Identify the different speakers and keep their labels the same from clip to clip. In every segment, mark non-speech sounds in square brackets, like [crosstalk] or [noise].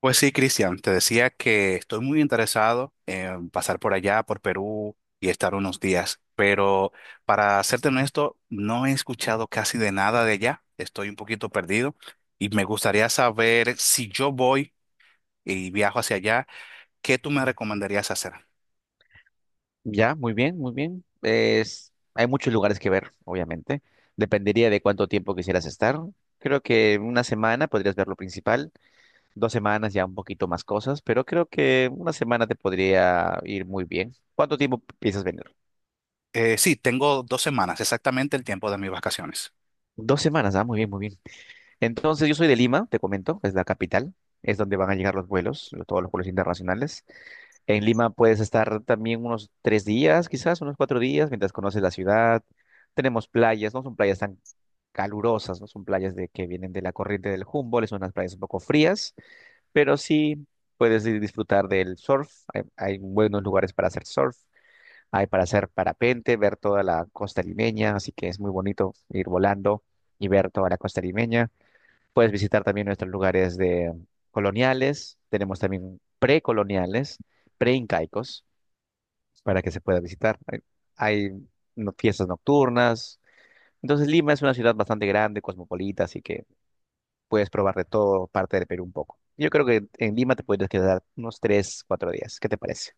Speaker 1: Pues sí, Cristian, te decía que estoy muy interesado en pasar por allá, por Perú y estar unos días, pero para serte honesto, no he escuchado casi de nada de allá, estoy un poquito perdido y me gustaría saber si yo voy y viajo hacia allá, ¿qué tú me recomendarías hacer?
Speaker 2: Ya, muy bien, muy bien. Hay muchos lugares que ver, obviamente. Dependería de cuánto tiempo quisieras estar. Creo que una semana podrías ver lo principal, dos semanas ya un poquito más cosas, pero creo que una semana te podría ir muy bien. ¿Cuánto tiempo piensas venir?
Speaker 1: Sí, tengo 2 semanas, exactamente el tiempo de mis vacaciones.
Speaker 2: Dos semanas, ah, muy bien, muy bien. Entonces, yo soy de Lima, te comento, es la capital, es donde van a llegar los vuelos, todos los vuelos internacionales. En Lima puedes estar también unos tres días, quizás unos cuatro días, mientras conoces la ciudad. Tenemos playas, no son playas tan calurosas, no son playas de que vienen de la corriente del Humboldt, son unas playas un poco frías, pero sí puedes ir disfrutar del surf. Hay buenos lugares para hacer surf, hay para hacer parapente, ver toda la costa limeña, así que es muy bonito ir volando y ver toda la costa limeña. Puedes visitar también nuestros lugares de coloniales, tenemos también precoloniales, preincaicos para que se pueda visitar. Hay no- Fiestas nocturnas. Entonces Lima es una ciudad bastante grande, cosmopolita, así que puedes probar de todo parte del Perú un poco. Yo creo que en Lima te puedes quedar unos tres, cuatro días. ¿Qué te parece?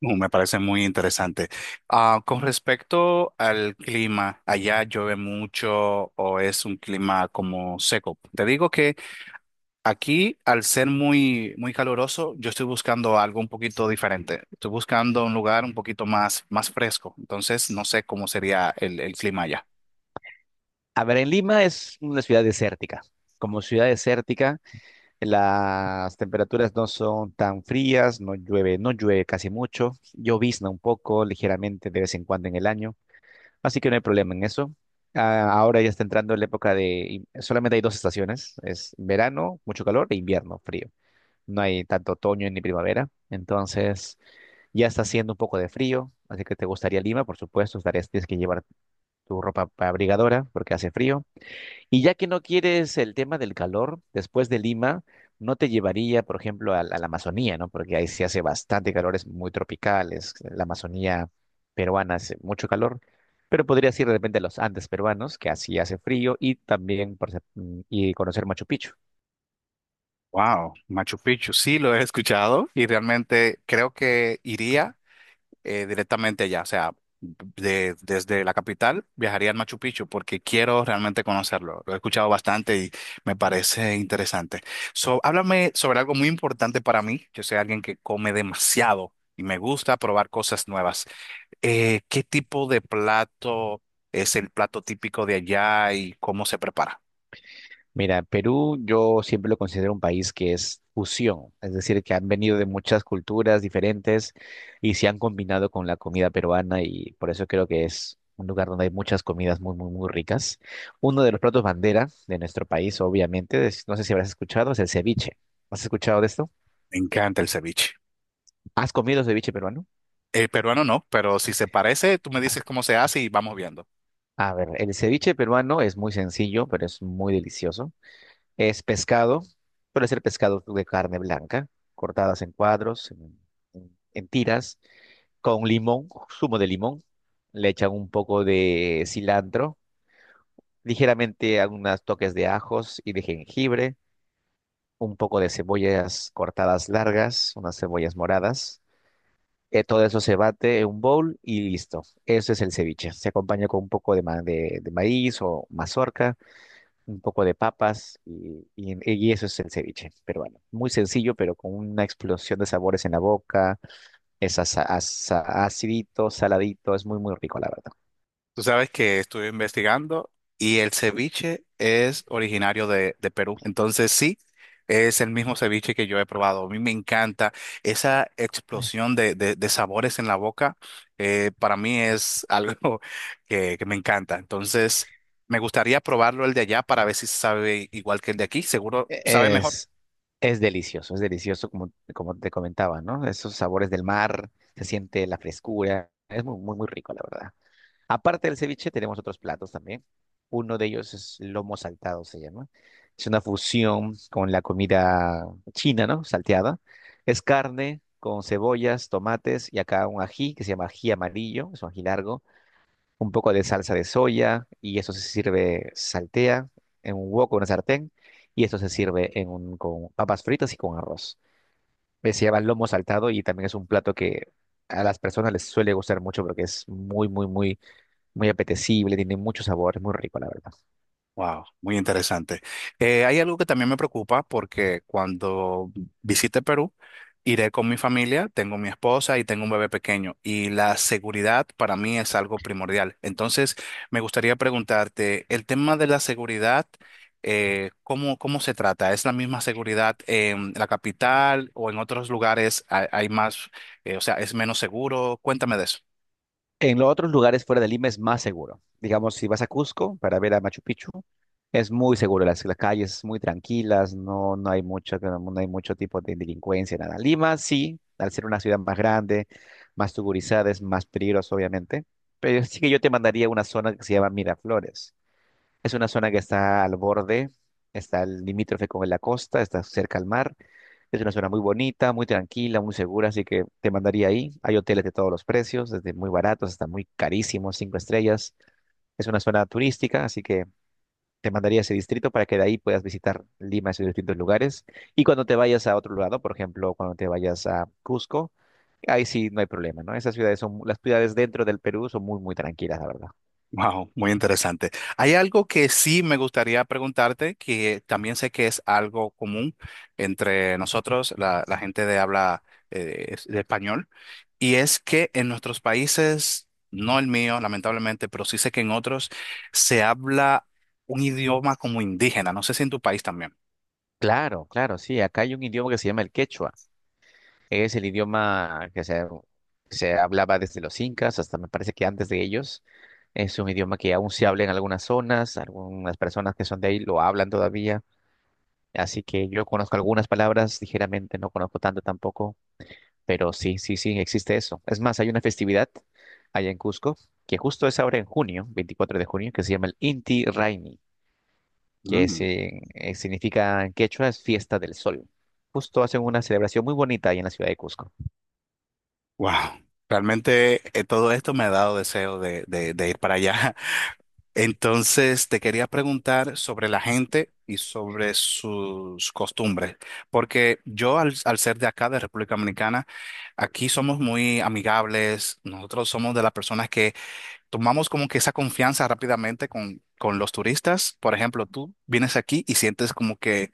Speaker 1: Me parece muy interesante. Con respecto al clima, ¿allá llueve mucho o es un clima como seco? Te digo que aquí, al ser muy caluroso, yo estoy buscando algo un poquito diferente. Estoy buscando un lugar un poquito más fresco. Entonces, no sé cómo sería el clima allá.
Speaker 2: A ver, en Lima es una ciudad desértica. Como ciudad desértica, las temperaturas no son tan frías, no llueve, no llueve casi mucho, llovizna un poco, ligeramente de vez en cuando en el año. Así que no hay problema en eso. Ah, ahora ya está entrando la época de... Solamente hay dos estaciones. Es verano, mucho calor, e invierno, frío. No hay tanto otoño ni primavera. Entonces ya está haciendo un poco de frío. Así que te gustaría Lima, por supuesto. Estarías, tienes que llevar tu ropa abrigadora porque hace frío. Y ya que no quieres el tema del calor, después de Lima, no te llevaría, por ejemplo, a la Amazonía, ¿no? Porque ahí se hace bastante calor, es muy tropical, la Amazonía peruana hace mucho calor, pero podrías ir de repente a los Andes peruanos, que así hace frío, y también y conocer Machu Picchu.
Speaker 1: Wow, Machu Picchu, sí lo he escuchado y realmente creo que iría directamente allá, o sea, desde la capital viajaría al Machu Picchu porque quiero realmente conocerlo. Lo he escuchado bastante y me parece interesante. So, háblame sobre algo muy importante para mí. Yo soy alguien que come demasiado y me gusta probar cosas nuevas. ¿Qué tipo de plato es el plato típico de allá y cómo se prepara?
Speaker 2: Mira, Perú yo siempre lo considero un país que es fusión, es decir, que han venido de muchas culturas diferentes y se han combinado con la comida peruana y por eso creo que es un lugar donde hay muchas comidas muy, muy, muy ricas. Uno de los platos bandera de nuestro país, obviamente, no sé si habrás escuchado, es el ceviche. ¿Has escuchado de esto?
Speaker 1: Me encanta el ceviche.
Speaker 2: ¿Has comido ceviche peruano?
Speaker 1: El peruano no, pero si se parece, tú me dices cómo se hace y vamos viendo.
Speaker 2: A ver, el ceviche peruano es muy sencillo, pero es muy delicioso. Es pescado, suele ser pescado de carne blanca, cortadas en cuadros, en tiras, con limón, zumo de limón. Le echan un poco de cilantro, ligeramente algunos toques de ajos y de jengibre, un poco de cebollas cortadas largas, unas cebollas moradas. Todo eso se bate en un bowl y listo. Eso es el ceviche. Se acompaña con un poco de, de maíz o mazorca un poco de papas y eso es el ceviche peruano. Muy sencillo, pero con una explosión de sabores en la boca. Es acidito, saladito, es muy, muy rico, la verdad.
Speaker 1: Tú sabes que estuve investigando y el ceviche es originario de Perú. Entonces sí, es el mismo ceviche que yo he probado. A mí me encanta esa explosión de sabores en la boca. Eh, para mí es algo [laughs] que me encanta. Entonces me gustaría probarlo el de allá para ver si sabe igual que el de aquí. Seguro
Speaker 2: E-
Speaker 1: sabe mejor.
Speaker 2: Es, es delicioso, es delicioso como, como te comentaba, ¿no? Esos sabores del mar, se siente la frescura, es muy, muy, muy rico, la verdad. Aparte del ceviche, tenemos otros platos también. Uno de ellos es lomo saltado, se llama. Es una fusión con la comida china, ¿no? Salteada. Es carne con cebollas, tomates y acá un ají que se llama ají amarillo, es un ají largo, un poco de salsa de soya y eso se sirve, se saltea en un wok o una sartén y esto se sirve en un, con papas fritas y con arroz. Se llama lomo saltado y también es un plato que a las personas les suele gustar mucho porque es muy, muy, muy muy apetecible, tiene mucho sabor, es muy rico, la verdad.
Speaker 1: Wow, muy interesante. Hay algo que también me preocupa porque cuando visite Perú, iré con mi familia, tengo mi esposa y tengo un bebé pequeño y la seguridad para mí es algo primordial. Entonces, me gustaría preguntarte, el tema de la seguridad, cómo se trata? ¿Es la misma seguridad en la capital o en otros lugares hay más, o sea, es menos seguro? Cuéntame de eso.
Speaker 2: En los otros lugares fuera de Lima es más seguro. Digamos, si vas a Cusco para ver a Machu Picchu, es muy seguro, las calles muy tranquilas, no hay mucho, no hay mucho tipo de delincuencia, nada. Lima sí, al ser una ciudad más grande, más tugurizada, es más peligroso, obviamente. Pero sí que yo te mandaría a una zona que se llama Miraflores. Es una zona que está al borde, está el limítrofe con la costa, está cerca al mar. Es una zona muy bonita, muy tranquila, muy segura, así que te mandaría ahí. Hay hoteles de todos los precios, desde muy baratos hasta muy carísimos, cinco estrellas. Es una zona turística, así que te mandaría a ese distrito para que de ahí puedas visitar Lima y sus distintos lugares. Y cuando te vayas a otro lado, por ejemplo, cuando te vayas a Cusco, ahí sí no hay problema, ¿no? Esas ciudades son, las ciudades dentro del Perú son muy, muy tranquilas, la verdad.
Speaker 1: Wow, muy interesante. Hay algo que sí me gustaría preguntarte, que también sé que es algo común entre nosotros, la gente de habla de español, y es que en nuestros países, no el mío, lamentablemente, pero sí sé que en otros se habla un idioma como indígena. No sé si en tu país también.
Speaker 2: Claro, claro, sí. Acá hay un idioma que se llama el quechua. Es el idioma que se hablaba desde los incas hasta me parece que antes de ellos. Es un idioma que aún se habla en algunas zonas, algunas personas que son de ahí lo hablan todavía. Así que yo conozco algunas palabras, ligeramente, no conozco tanto tampoco, pero sí, existe eso. Es más, hay una festividad allá en Cusco que justo es ahora en junio, 24 de junio, que se llama el Inti Raymi,
Speaker 1: Mm,
Speaker 2: significa en quechua es fiesta del sol. Justo hacen una celebración muy bonita ahí en la ciudad de Cusco.
Speaker 1: wow. Realmente todo esto me ha dado deseo de ir para allá. Entonces, te quería preguntar sobre la gente y sobre sus costumbres, porque yo al ser de acá, de República Dominicana, aquí somos muy amigables, nosotros somos de las personas que tomamos como que esa confianza rápidamente con los turistas. Por ejemplo, tú vienes aquí y sientes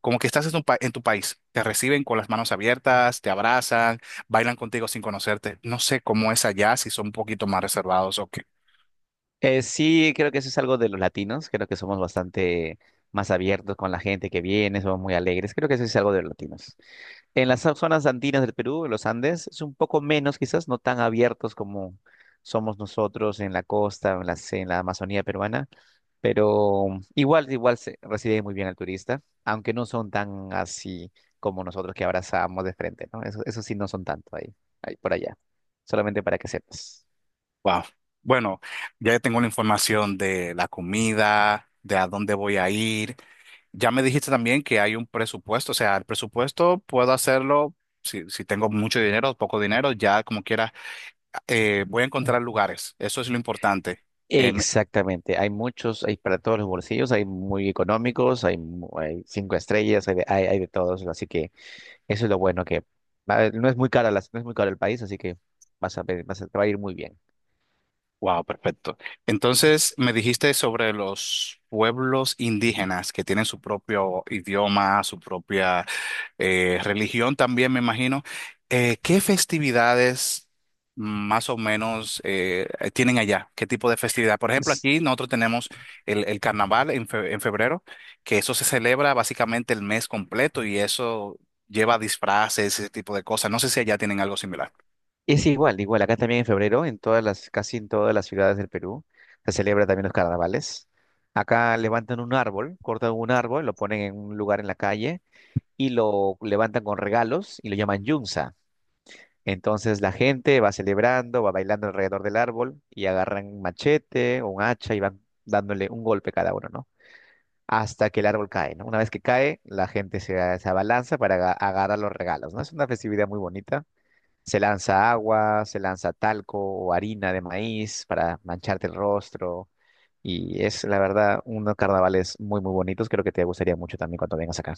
Speaker 1: como que estás en tu, en tu país, te reciben con las manos abiertas, te abrazan, bailan contigo sin conocerte. No sé cómo es allá, si son un poquito más reservados o qué.
Speaker 2: Sí, creo que eso es algo de los latinos, creo que somos bastante más abiertos con la gente que viene, somos muy alegres, creo que eso es algo de los latinos. En las zonas andinas del Perú, en los Andes, es un poco menos quizás, no tan abiertos como somos nosotros en la costa, en la Amazonía peruana, pero igual se recibe muy bien al turista, aunque no son tan así como nosotros que abrazamos de frente, ¿no? Eso sí no son tanto ahí, ahí por allá, solamente para que sepas.
Speaker 1: Wow. Bueno, ya tengo la información de la comida, de a dónde voy a ir. Ya me dijiste también que hay un presupuesto, o sea, el presupuesto puedo hacerlo si tengo mucho dinero o poco dinero, ya como quiera, voy a encontrar lugares. Eso es lo importante.
Speaker 2: Exactamente, hay muchos, hay para todos los bolsillos, hay muy económicos, hay cinco estrellas, hay de todos, así que eso es lo bueno que no es muy cara no es muy caro el país, así que vas a ver, vas a, te va a ir muy bien.
Speaker 1: Wow, perfecto. Entonces, me dijiste sobre los pueblos indígenas que tienen su propio idioma, su propia religión también, me imagino. ¿Qué festividades más o menos tienen allá? ¿Qué tipo de festividad? Por ejemplo,
Speaker 2: S-
Speaker 1: aquí nosotros tenemos el carnaval en, en febrero, que eso se celebra básicamente el mes completo y eso lleva disfraces, ese tipo de cosas. No sé si allá tienen algo similar.
Speaker 2: Es igual, igual, acá también en febrero, casi en todas las ciudades del Perú, se celebra también los carnavales. Acá levantan un árbol, cortan un árbol, lo ponen en un lugar en la calle y lo levantan con regalos y lo llaman yunza. Entonces la gente va celebrando, va bailando alrededor del árbol y agarran un machete o un hacha y van dándole un golpe cada uno, ¿no? Hasta que el árbol cae, ¿no? Una vez que cae, la gente se abalanza para agarrar los regalos, ¿no? Es una festividad muy bonita. Se lanza agua, se lanza talco o harina de maíz para mancharte el rostro. Y es, la verdad, unos carnavales muy, muy bonitos. Creo que te gustaría mucho también cuando vengas acá.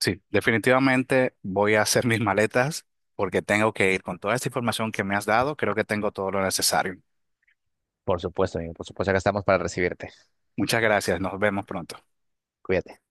Speaker 1: Sí, definitivamente voy a hacer mis maletas porque tengo que ir con toda esta información que me has dado. Creo que tengo todo lo necesario.
Speaker 2: Por supuesto, amigo, por supuesto, acá estamos para recibirte.
Speaker 1: Muchas gracias. Nos vemos pronto.
Speaker 2: Cuídate.